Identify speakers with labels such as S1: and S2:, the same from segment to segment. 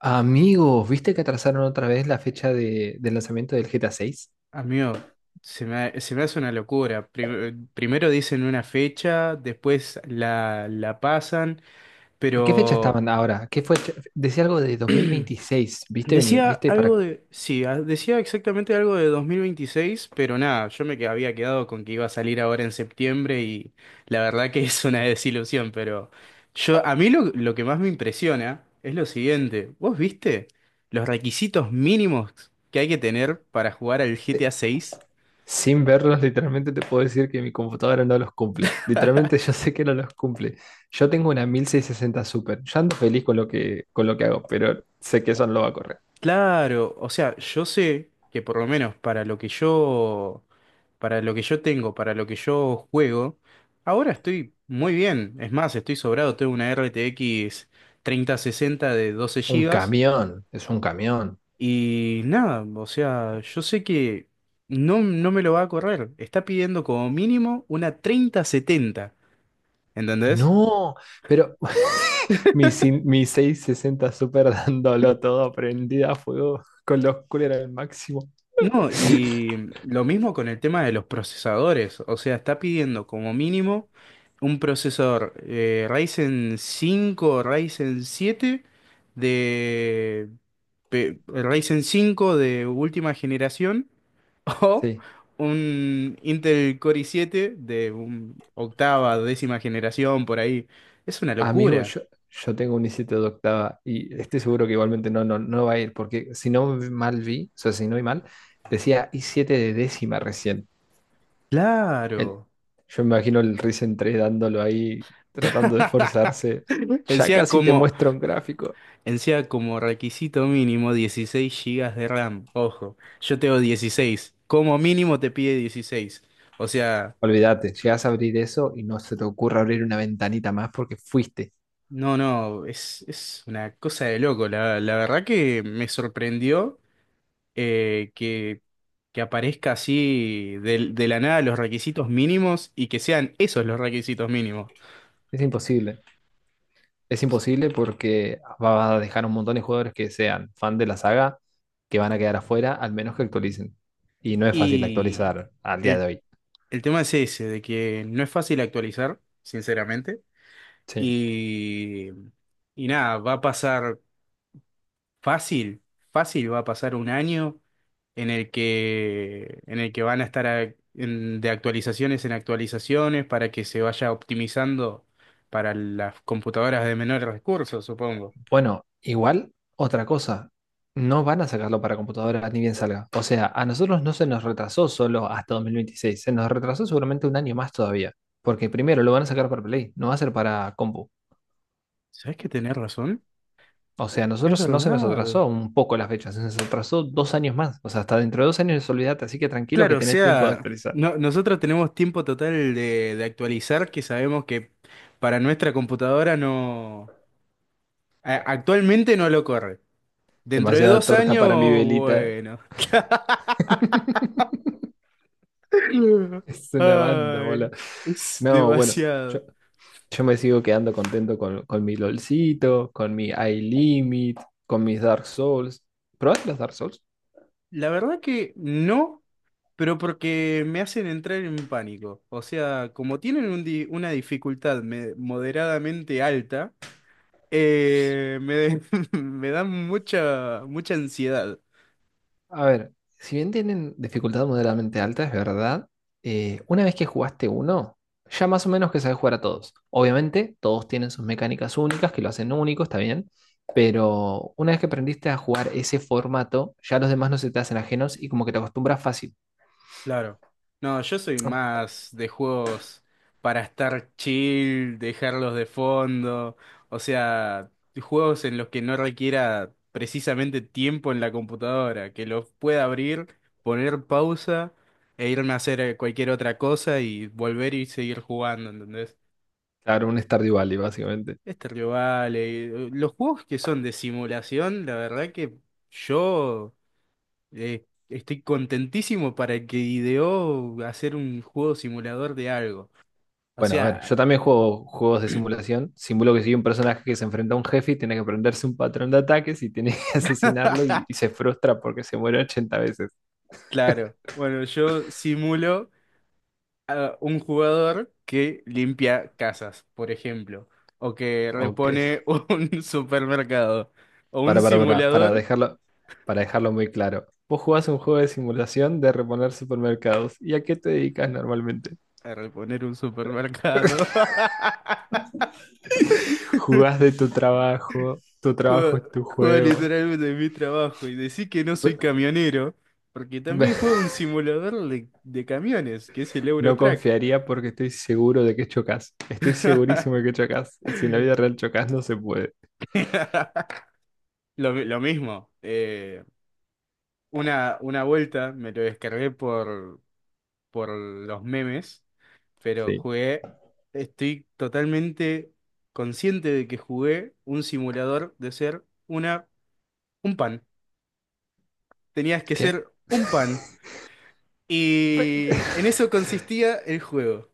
S1: Amigos, ¿viste que atrasaron otra vez la fecha del lanzamiento del GTA 6?
S2: Amigo, se me hace una locura. Primero dicen una fecha, después la pasan,
S1: ¿Qué fecha
S2: pero
S1: estaban ahora? ¿Qué fue? Decía algo de 2026, ¿viste? ¿Viste para
S2: Sí. Ah, decía exactamente algo de 2026, pero nada, yo había quedado con que iba a salir ahora en septiembre y la verdad que es una desilusión, pero a mí lo que más me impresiona es lo siguiente. ¿Vos viste los requisitos mínimos que hay que tener para jugar al GTA
S1: se-
S2: seis?
S1: sin verlos, literalmente te puedo decir que mi computadora no los cumple. Literalmente yo sé que no los cumple. Yo tengo una 1660 Super. Yo ando feliz con lo que hago, pero sé que eso no lo va a correr.
S2: Claro, o sea, yo sé que por lo menos para lo que yo tengo, para lo que yo juego, ahora estoy muy bien. Es más, estoy sobrado, tengo una RTX 3060 de 12
S1: Un
S2: gigas
S1: camión, es un camión.
S2: y nada, o sea, yo sé que no, no me lo va a correr. Está pidiendo como mínimo una 3070, ¿entendés?
S1: No, pero mi 660 Super dándolo todo, prendida a fuego con los coolers al máximo.
S2: No, y lo mismo con el tema de los procesadores. O sea, está pidiendo como mínimo un procesador Ryzen 5, Ryzen 7, de Ryzen 5 de última generación o
S1: Sí,
S2: un Intel Core i7 de octava, décima generación, por ahí. Es una
S1: amigo,
S2: locura.
S1: yo tengo un i7 de octava y estoy seguro que igualmente no va a ir, porque si no mal vi, o sea, si no vi mal, decía i7 de décima recién. El,
S2: Claro.
S1: yo me imagino el Ryzen 3 dándolo ahí, tratando de esforzarse. Ya
S2: Decía
S1: casi te
S2: como
S1: muestro un gráfico.
S2: Encima como requisito mínimo 16 gigas de RAM. Ojo, yo tengo 16. Como mínimo te pide 16. O sea,
S1: Olvídate, llegas a abrir eso y no se te ocurra abrir una ventanita más porque fuiste.
S2: no, no, es una cosa de loco. La verdad que me sorprendió eh, que, que aparezca así de la nada los requisitos mínimos y que sean esos los requisitos mínimos.
S1: Es imposible. Es imposible porque va a dejar un montón de jugadores que sean fan de la saga que van a quedar afuera, al menos que actualicen. Y no es fácil
S2: Y
S1: actualizar al día
S2: el,
S1: de hoy.
S2: el tema es ese, de que no es fácil actualizar, sinceramente.
S1: Sí.
S2: Y, y nada, va a pasar fácil, fácil, va a pasar un año en el que van a estar de actualizaciones en actualizaciones para que se vaya optimizando para las computadoras de menores recursos, supongo.
S1: Bueno, igual, otra cosa. No van a sacarlo para computadora ni bien salga. O sea, a nosotros no se nos retrasó solo hasta 2026. Se nos retrasó seguramente un año más todavía. Porque primero lo van a sacar para Play, no va a ser para compu.
S2: ¿Sabes que tenés razón?
S1: O sea, a
S2: Es
S1: nosotros no se nos
S2: verdad.
S1: atrasó un poco la fecha, se nos atrasó 2 años más. O sea, hasta dentro de 2 años, olvídate, así que tranquilo que
S2: Claro, o
S1: tenés tiempo de
S2: sea,
S1: actualizar.
S2: nosotros tenemos tiempo total de actualizar que sabemos que para nuestra computadora actualmente no lo corre. Dentro de
S1: Demasiada
S2: dos
S1: torta
S2: años,
S1: para mi velita.
S2: bueno.
S1: Es una banda, bola.
S2: Ay, es
S1: No, bueno, yo,
S2: demasiado.
S1: yo me sigo quedando contento con mi LOLcito, con mi iLimit, con mis Dark Souls. ¿Probaste los Dark Souls?
S2: La verdad que no, pero porque me hacen entrar en pánico. O sea, como tienen una dificultad moderadamente alta, me, me dan mucha, mucha ansiedad.
S1: A ver, si bien tienen dificultad moderadamente alta, es verdad, una vez que jugaste uno, ya más o menos que sabes jugar a todos. Obviamente, todos tienen sus mecánicas únicas que lo hacen único, está bien, pero una vez que aprendiste a jugar ese formato, ya los demás no se te hacen ajenos y como que te acostumbras fácil.
S2: Claro. No, yo soy más de juegos para estar chill, dejarlos de fondo, o sea, juegos en los que no requiera precisamente tiempo en la computadora, que los pueda abrir, poner pausa e irme a hacer cualquier otra cosa y volver y seguir jugando, ¿entendés?
S1: Claro, un Stardew Valley, básicamente.
S2: Este rival, los juegos que son de simulación, la verdad que yo estoy contentísimo para el que ideó hacer un juego simulador de algo. O
S1: Bueno, a ver,
S2: sea,
S1: yo también juego juegos de simulación. Simulo que soy un personaje que se enfrenta a un jefe y tiene que aprenderse un patrón de ataques y tiene que asesinarlo y se frustra porque se muere 80 veces.
S2: claro, bueno, yo simulo a un jugador que limpia casas, por ejemplo, o que
S1: Ok.
S2: repone un supermercado, o un
S1: Para
S2: simulador
S1: para dejarlo muy claro. Vos jugás un juego de simulación de reponer supermercados. ¿Y a qué te dedicas normalmente?
S2: a reponer un supermercado.
S1: Jugás de tu trabajo
S2: Juego,
S1: es tu
S2: juego
S1: juego.
S2: literalmente mi trabajo y decir que no soy
S1: Ve-
S2: camionero, porque también
S1: ve-
S2: juego un simulador de camiones, que es el
S1: No
S2: Eurotrack.
S1: confiaría porque estoy seguro de que chocas. Estoy segurísimo de que chocas. Y si en la vida real chocas, no se puede.
S2: Lo mismo. Una vuelta me lo descargué por los memes, pero
S1: Sí.
S2: jugué. Estoy totalmente consciente de que jugué un simulador de ser un pan. Tenías que
S1: ¿Qué?
S2: ser un pan.
S1: Pe-
S2: Y en eso consistía el juego.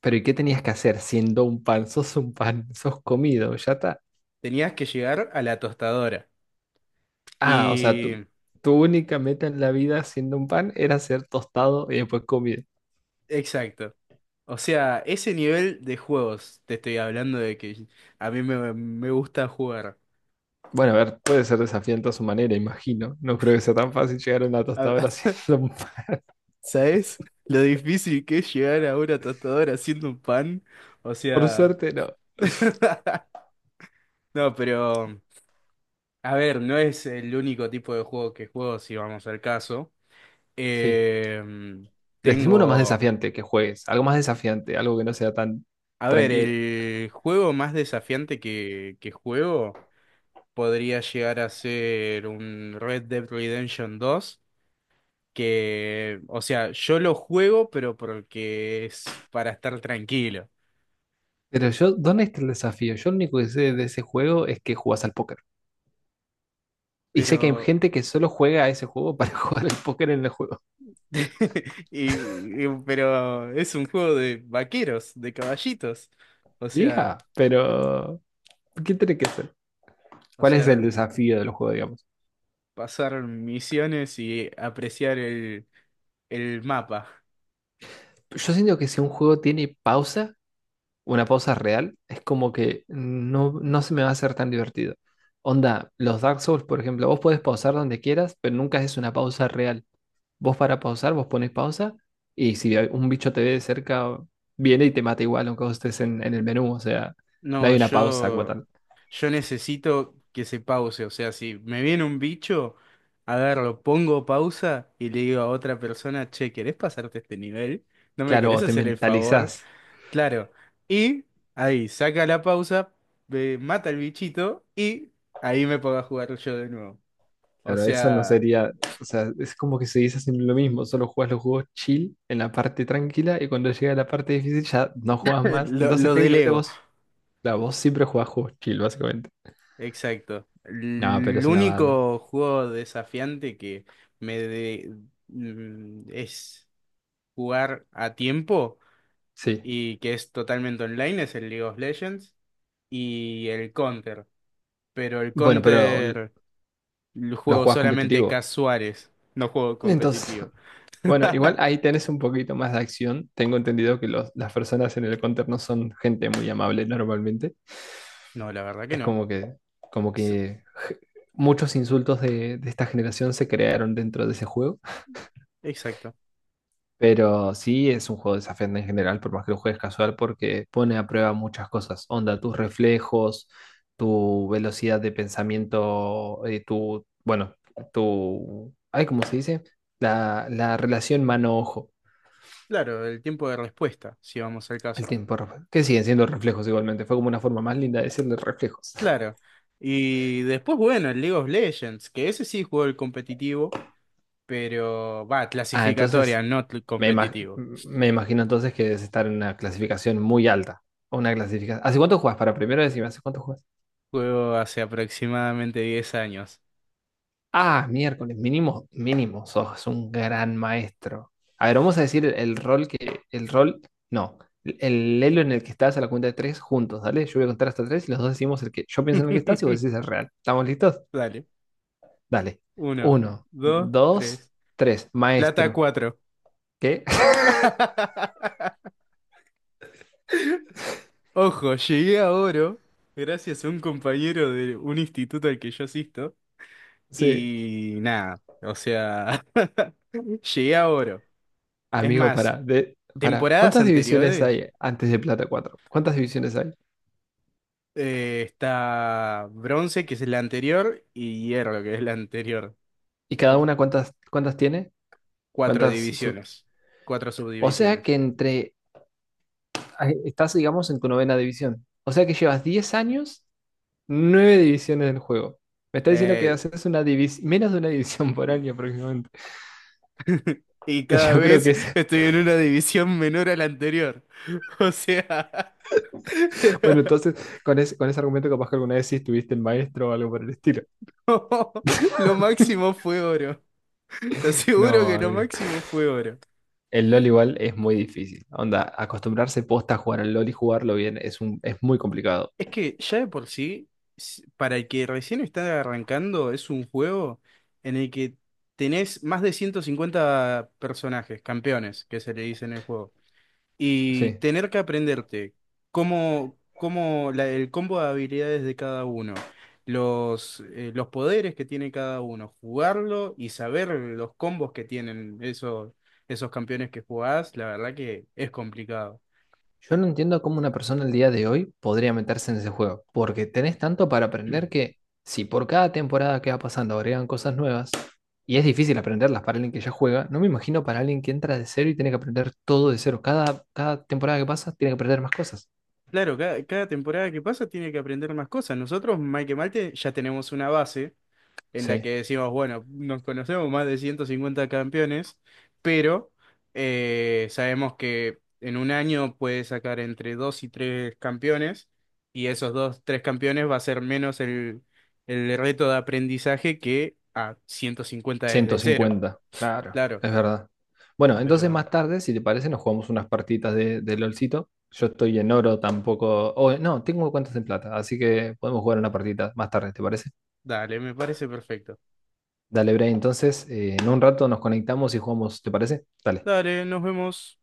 S1: Pero, ¿y qué tenías que hacer siendo un pan? Sos un pan, sos comido, ya está.
S2: Tenías que llegar a la tostadora.
S1: Ah, o sea, tu,
S2: Y.
S1: tu única meta en la vida siendo un pan era ser tostado y después comido.
S2: Exacto. O sea, ese nivel de juegos te estoy hablando de que a mí me gusta jugar.
S1: Bueno, a ver, puede ser desafiante a su manera, imagino. No creo que sea tan fácil llegar a una
S2: A-
S1: tostadora haciendo.
S2: ¿Sabes? Lo difícil que es llegar a una tostadora haciendo un pan. O
S1: Por
S2: sea.
S1: suerte, no.
S2: No, pero. A ver, no es el único tipo de juego que juego, si vamos al caso.
S1: Sí.
S2: Eh,
S1: Decime uno más
S2: Tengo.
S1: desafiante que juegues. Algo más desafiante, algo que no sea tan
S2: A ver,
S1: tranquilo.
S2: el juego más desafiante que juego podría llegar a ser un Red Dead Redemption dos que, o sea, yo lo juego, pero porque es para estar tranquilo.
S1: Pero yo, ¿dónde está el desafío? Yo lo único que sé de ese juego es que jugás al póker. Y sé que hay
S2: Pero,
S1: gente que solo juega a ese juego para jugar al póker en el juego.
S2: pero es un juego de vaqueros, de caballitos. O sea,
S1: Hija, pero. ¿Qué tiene que ser?
S2: o
S1: ¿Cuál es el
S2: sea,
S1: desafío del juego, digamos?
S2: pasar misiones y apreciar el mapa.
S1: Yo siento que si un juego tiene pausa, una pausa real, es como que no se me va a hacer tan divertido. Onda, los Dark Souls, por ejemplo, vos podés pausar donde quieras, pero nunca es una pausa real. Vos para pausar, vos pones pausa y si un bicho te ve de cerca, viene y te mata igual, aunque vos estés en el menú, o sea, no
S2: No,
S1: hay una pausa como
S2: yo,
S1: tal.
S2: yo necesito que se pause. O sea, si me viene un bicho, a ver, lo pongo pausa y le digo a otra persona, che, ¿querés pasarte este nivel? ¿No me
S1: Claro,
S2: querés
S1: o te
S2: hacer el favor?
S1: mentalizás.
S2: Claro. Y ahí saca la pausa, mata al bichito y ahí me pongo a jugar yo de nuevo. O
S1: Claro, eso no
S2: sea,
S1: sería, o sea, es como que se dice siempre lo mismo, solo jugás los juegos chill en la parte tranquila y cuando llega la parte difícil ya no jugás más.
S2: lo,
S1: Entonces
S2: lo
S1: técnicamente
S2: delego.
S1: vos. La voz siempre jugás juegos chill, básicamente.
S2: Exacto.
S1: No, pero
S2: El
S1: es una banda.
S2: único juego desafiante que me de- es jugar a tiempo
S1: Sí.
S2: y que es totalmente online es el League of Legends y el Counter. Pero el
S1: Bueno, pero
S2: Counter lo
S1: lo
S2: juego
S1: jugás
S2: solamente
S1: competitivo.
S2: casuales, no juego
S1: Entonces,
S2: competitivo.
S1: bueno, igual ahí tenés un poquito más de acción. Tengo entendido que las personas en el counter no son gente muy amable normalmente.
S2: No, la verdad que
S1: Es
S2: no.
S1: como que, como
S2: S-
S1: que muchos insultos de esta generación se crearon dentro de ese juego.
S2: Exacto.
S1: Pero sí es un juego desafiante en general, por más que lo juegues casual, porque pone a prueba muchas cosas. Onda, tus reflejos, tu velocidad de pensamiento, tu, bueno, tu, ay, ¿cómo se dice? La relación mano-ojo,
S2: Claro, el tiempo de respuesta, si vamos al
S1: el
S2: caso.
S1: tiempo, que siguen siendo reflejos igualmente. Fue como una forma más linda de decirle reflejos.
S2: Claro. Y después, bueno, el League of Legends, que ese sí juego el competitivo, pero va,
S1: Ah, entonces,
S2: clasificatoria, no
S1: me, ima-
S2: competitivo.
S1: me imagino entonces que debes estar en una clasificación muy alta. Una clasificación. ¿Hace cuánto juegas? Para primero decirme, ¿hace cuánto juegas?
S2: Juego hace aproximadamente 10 años.
S1: Ah, miércoles, mínimo, mínimo, sos un gran maestro. A ver, vamos a decir el rol que, el rol, no, el elo en el que estás a la cuenta de tres juntos, ¿dale? Yo voy a contar hasta tres y los dos decimos el que yo pienso en el que estás y vos decís el real. ¿Estamos listos?
S2: Dale.
S1: Dale.
S2: Uno,
S1: Uno,
S2: dos,
S1: dos,
S2: tres.
S1: tres.
S2: Plata
S1: Maestro.
S2: cuatro.
S1: ¿Qué?
S2: Ojo, llegué a oro gracias a un compañero de un instituto al que yo asisto.
S1: Sí.
S2: Y nada, o sea, llegué a oro. Es
S1: Amigo,
S2: más,
S1: para, de, para.
S2: temporadas
S1: ¿Cuántas divisiones
S2: anteriores
S1: hay antes de plata cuatro? ¿Cuántas divisiones hay?
S2: está bronce, que es la anterior, y hierro, que es la anterior.
S1: ¿Y cada
S2: O-
S1: una cuántas tiene?
S2: cuatro
S1: ¿Cuántas?
S2: divisiones, cuatro
S1: O sea
S2: subdivisiones.
S1: que estás, digamos, en tu novena división. O sea que llevas 10 años, 9 divisiones del juego. Me está diciendo que
S2: Eh,
S1: haces menos de una división por año aproximadamente.
S2: y cada
S1: Yo creo que
S2: vez
S1: es.
S2: estoy en una división menor a la anterior. O sea,
S1: Bueno, entonces, con ese argumento, capaz que alguna vez sí estuviste en maestro o algo por el estilo.
S2: lo máximo fue oro. Te aseguro
S1: No,
S2: que lo
S1: amigo.
S2: máximo fue oro.
S1: El LOL igual es muy difícil. Onda, acostumbrarse posta a jugar al LOL y jugarlo bien es muy complicado.
S2: Es que ya de por sí, para el que recién está arrancando, es un juego en el que tenés más de 150 personajes, campeones, que se le dice en el juego. Y
S1: Sí.
S2: tener que aprenderte cómo el combo de habilidades de cada uno, los poderes que tiene cada uno, jugarlo y saber los combos que tienen esos campeones que jugás, la verdad que es complicado.
S1: Yo no entiendo cómo una persona el día de hoy podría meterse en ese juego, porque tenés tanto para aprender que si por cada temporada que va pasando agregan cosas nuevas, y es difícil aprenderlas para alguien que ya juega, no me imagino para alguien que entra de cero y tiene que aprender todo de cero. Cada temporada que pasa tiene que aprender más cosas.
S2: Claro, cada temporada que pasa tiene que aprender más cosas. Nosotros, mal que mal, ya tenemos una base en la
S1: Sí,
S2: que decimos, bueno, nos conocemos más de 150 campeones, pero sabemos que en un año puede sacar entre dos y tres campeones, y esos dos, tres campeones va a ser menos el reto de aprendizaje que a 150
S1: ciento
S2: desde cero.
S1: cincuenta. Claro,
S2: Claro,
S1: es verdad. Bueno, entonces
S2: pero
S1: más tarde, si te parece, nos jugamos unas partitas de LOLcito. Yo estoy en oro tampoco, o no, tengo cuentas en plata, así que podemos jugar una partita más tarde, ¿te parece?
S2: dale, me parece perfecto.
S1: Dale, Bray, entonces en un rato nos conectamos y jugamos, ¿te parece? Dale.
S2: Dale, nos vemos.